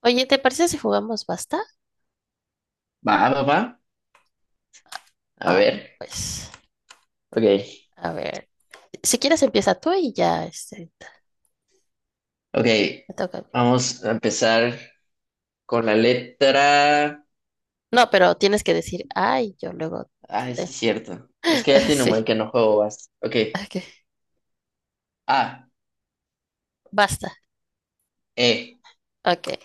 Oye, ¿te parece si jugamos basta? Va, va, va. A Ah, ver. pues, Ok. a ver, si quieres empieza tú y ya, Ok. me toca a mí. Vamos a empezar con la letra. No, pero tienes que decir, ay, yo luego te, Ay, sí, es te- cierto. Es que ya tiene un buen Sí, que no juego basta. Ok. ok, A, basta, E. ok.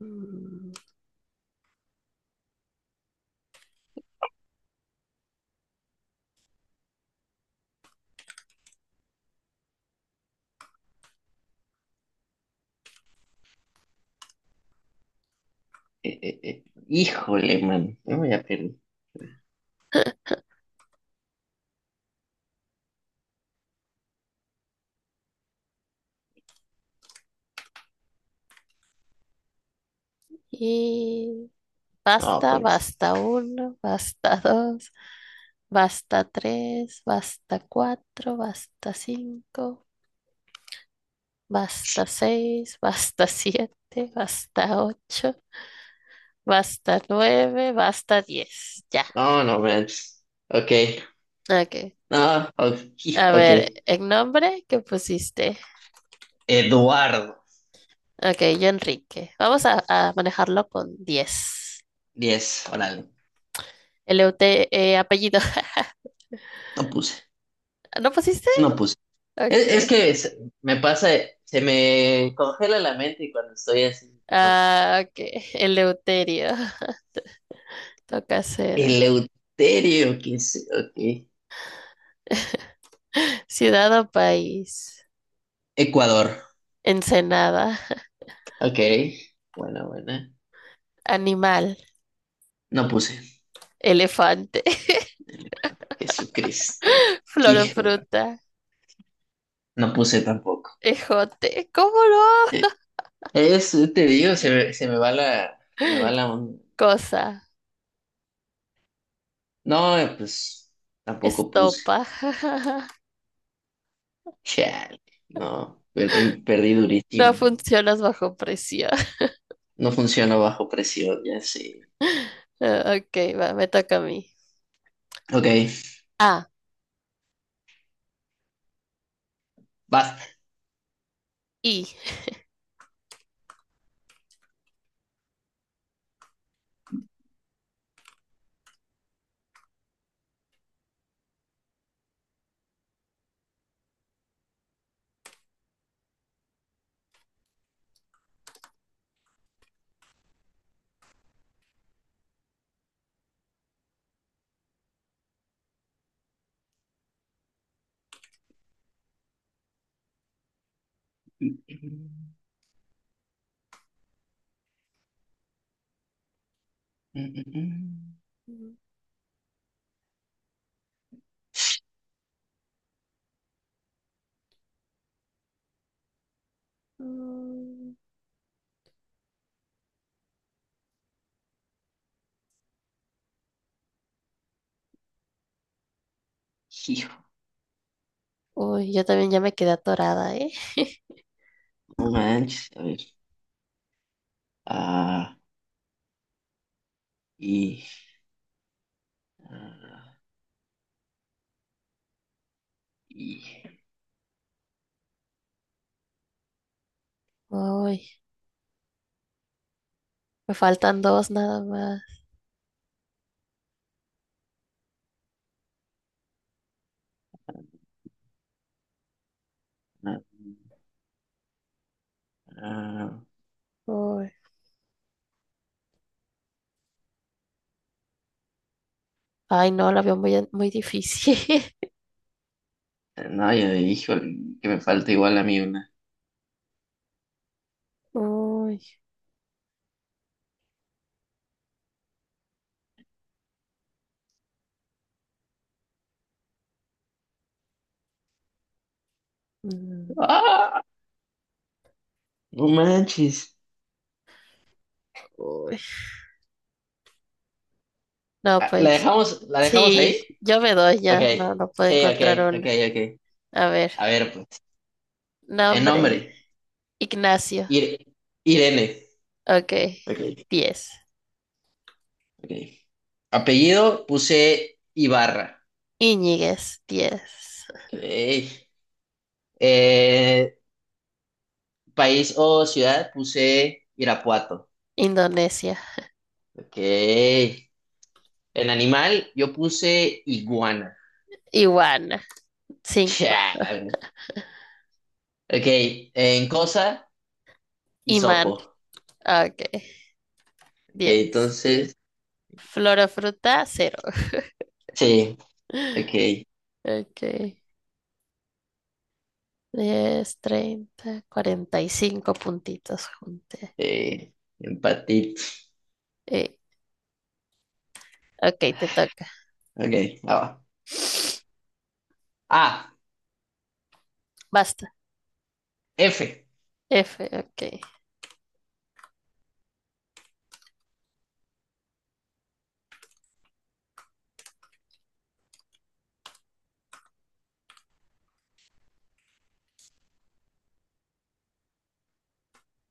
Mm, Eh, eh, eh. Híjole, man. No, ya perdí. y No, basta, puede ser. basta uno, basta dos, basta tres, basta cuatro, basta cinco, basta seis, basta siete, basta ocho, basta nueve, basta diez. No, no, man. Ok. Ok. No, ok. A Ok. ver, el nombre que pusiste. Eduardo. Ok, yo Enrique. Vamos a manejarlo con 10. 10. Órale. El apellido. No puse. ¿No pusiste? No puse. Es, Ok. es que me pasa, se me congela la mente y cuando estoy así. No puse. Ah, ok. Eleuterio. Toca 0. Eleuterio, que es, ok. Ciudad o país. Ecuador, Ensenada. ok. Buena, buena. Animal. No puse. Elefante. Jesucristo. Flor o Hijo, fruta. no puse tampoco. Ejote. ¿Cómo Eh, no? Es, te digo, se me va la on-. Cosa. No, pues tampoco puse. Estopa. Chale, no, perdí, perdí No durísimo. funcionas bajo presión. No funciona bajo presión, ya sé. Ah, ok, va, me toca a mí. Ok, Ah, basta. y. Mm, Hijo, uy, yo también ya me quedé atorada, ¿eh? no manches, a ver. Ah. Y, ah, y, Uy, me faltan dos nada más. ah, Uy. Ay, no, la veo muy, muy difícil. No, yo dijo que me falta igual a mí una. Uy. Mm, ¡Ah! No manches. uy. No, Ah, ¿La pues. dejamos, la dejamos Sí, ahí? yo me doy Ok. ya. No, no puedo Sí, encontrar ok, ok, una. ok. A ver, A ver, pues. El nombre. nombre. Ignacio. Ir- Irene. Ok, Ok, 10. ok. Apellido puse Ibarra. Iñiguez, 10. Ok. Eh, País o ciudad puse Irapuato. Indonesia. Ok. En animal yo puse iguana. Iguana, 5. Chan. Ok, en cosa, Imán, hisopo. ok, Ok, 10. entonces, Flor o fruta, 0. sí, ok. Ok, 10, 30, 45 puntitos junté. Eh, Empatito. Eh, ok, te toca. Ok, va. Ah, Basta. F. F, ok.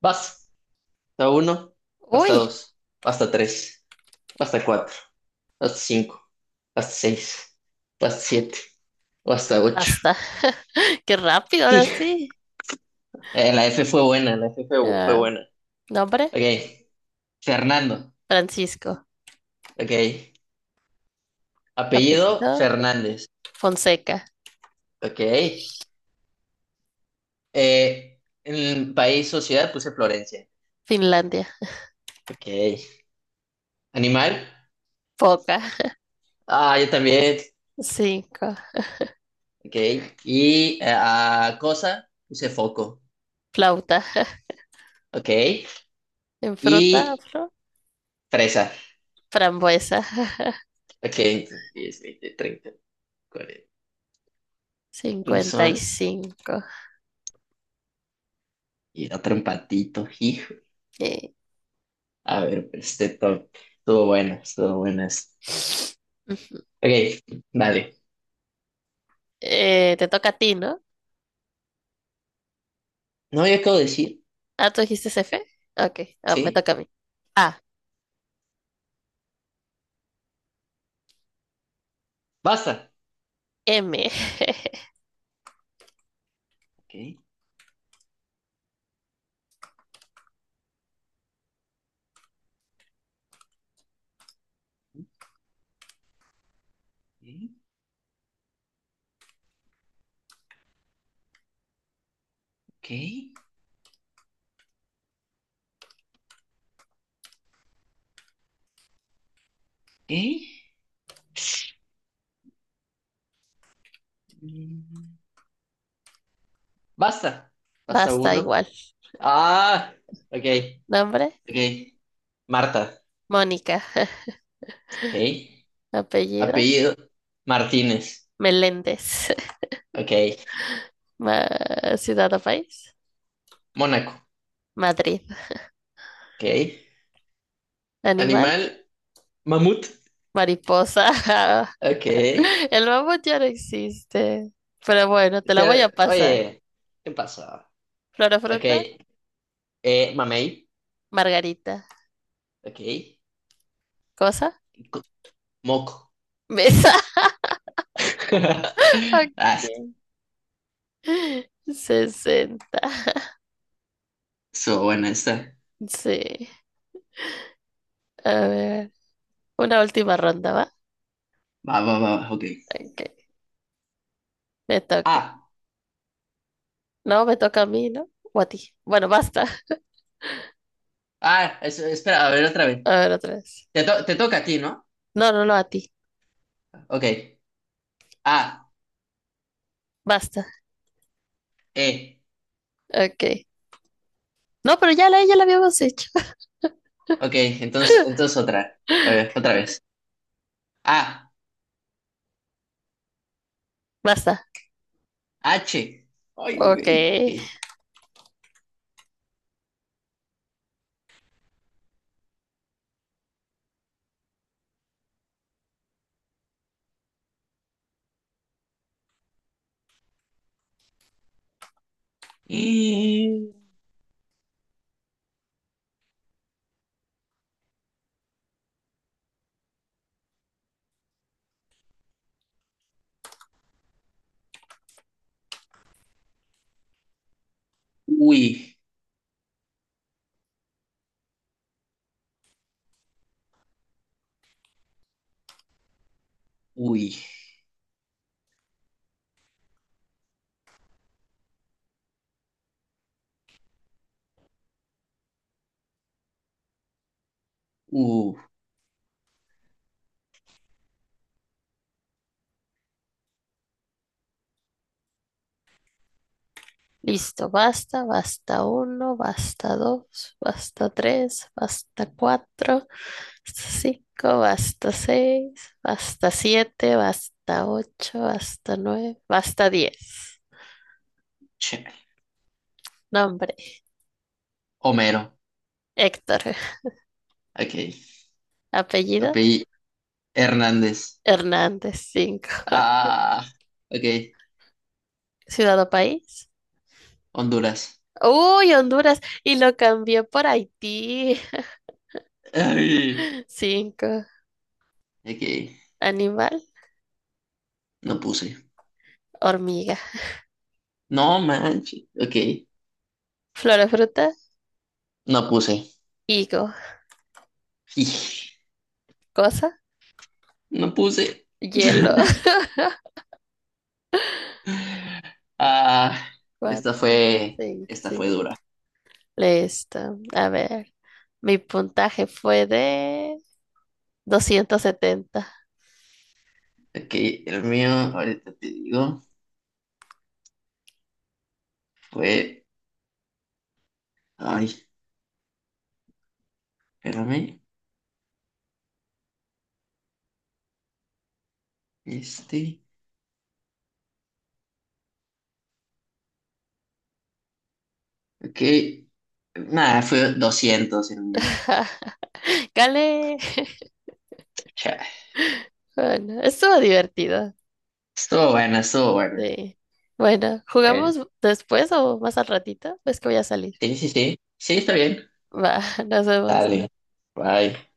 Vas. Hasta uno, hasta Uy, dos, hasta tres, hasta cuatro, hasta cinco, hasta seis, hasta siete, o hasta ocho. basta. Qué rápido, ahora Hij. sí. La F fue buena, la F fue Ah, buena. nombre, Ok, Fernando. Francisco. Ok, apellido Apellido, Fernández. Fonseca. Ok. En el país, sociedad, puse Florencia. Finlandia. Ok. Animal. Foca. Ah, yo también. 5. Ok. Y cosa, puse foco. Flauta. Ok. En fruta, Y flor, fresa. frambuesa. Ok. Entonces, 10, 20, 30, 40. Son. 55. Y otro empatito, hijo. Eh, A ver, pues, este top. Estuvo bueno, estuvo buenas. ujú. Ok, dale. Te toca a ti, ¿no? No, yo acabo de decir. Ah, ¿tú dijiste F? Ok, me Sí. toca a mí. A, Basta. M. Ok. Ok. Ok. Ok. Mm. Basta. Basta Basta uno. igual. Ah, ok, Nombre, ok. Marta, Mónica. ok. Apellido, Apellido, Martínez, Meléndez. ok. Ciudad o país, Mónaco, Madrid. ok. Animal, Animal, mamut, mariposa. ok. El mamut ya no existe. Pero bueno, te la voy a Pero, pasar. oye, ¿qué pasa? Flor o Ok. fruta, Mamey, margarita. ok. Cosa, Co- Moco. mesa. Ah, Ok. 60. so buena está. Sí. A ver, una última ronda, ¿va? Va, va, va, va, ok. Ok, me toca. Ah, No, me toca a mí, ¿no? O a ti. Bueno, basta. Eso espera, a ver otra vez. A ver, otra vez. Te toca a ti, ¿no? No, no, no, a ti. Ok. Ah, Basta. eh. Ok. No, pero ya la habíamos hecho. Ok, entonces otra. A ver, otra vez. A, Basta. H. Ay, Ok. güey. Ok. Y... Uy, uy, uh, Listo. Basta, basta uno, basta dos, basta tres, basta cuatro, basta cinco, basta seis, basta siete, basta ocho, basta nueve, basta diez. che. Nombre, Homero. Héctor. Ok. Apellido, Apellido Hernández. Hernández, 5. Ah, ok. Ciudad o país. Honduras. Uy, Honduras. Y lo cambió por Haití. Ay, 5. ok. Animal, No puse. hormiga. No manches. Ok. Flora, fruta, No puse. higo. Ij, Cosa, No puse. hielo. Ah, esta Cuatro, fue, cinco, esta fue cinco. dura. Listo. A ver. Mi puntaje fue de 270. Ok, el mío, ahorita te digo, fue. Ay, espérame. Este. Ok. Nada, fue 200 el mío. Gale. Chale. Bueno, estuvo divertido. Estuvo buena, estuvo buena. Sí. Bueno, Bueno, ¿jugamos después o más al ratito? Es que voy a salir. sí, sí, sí. Sí, está bien. Va, nos vemos. Dale. Bye.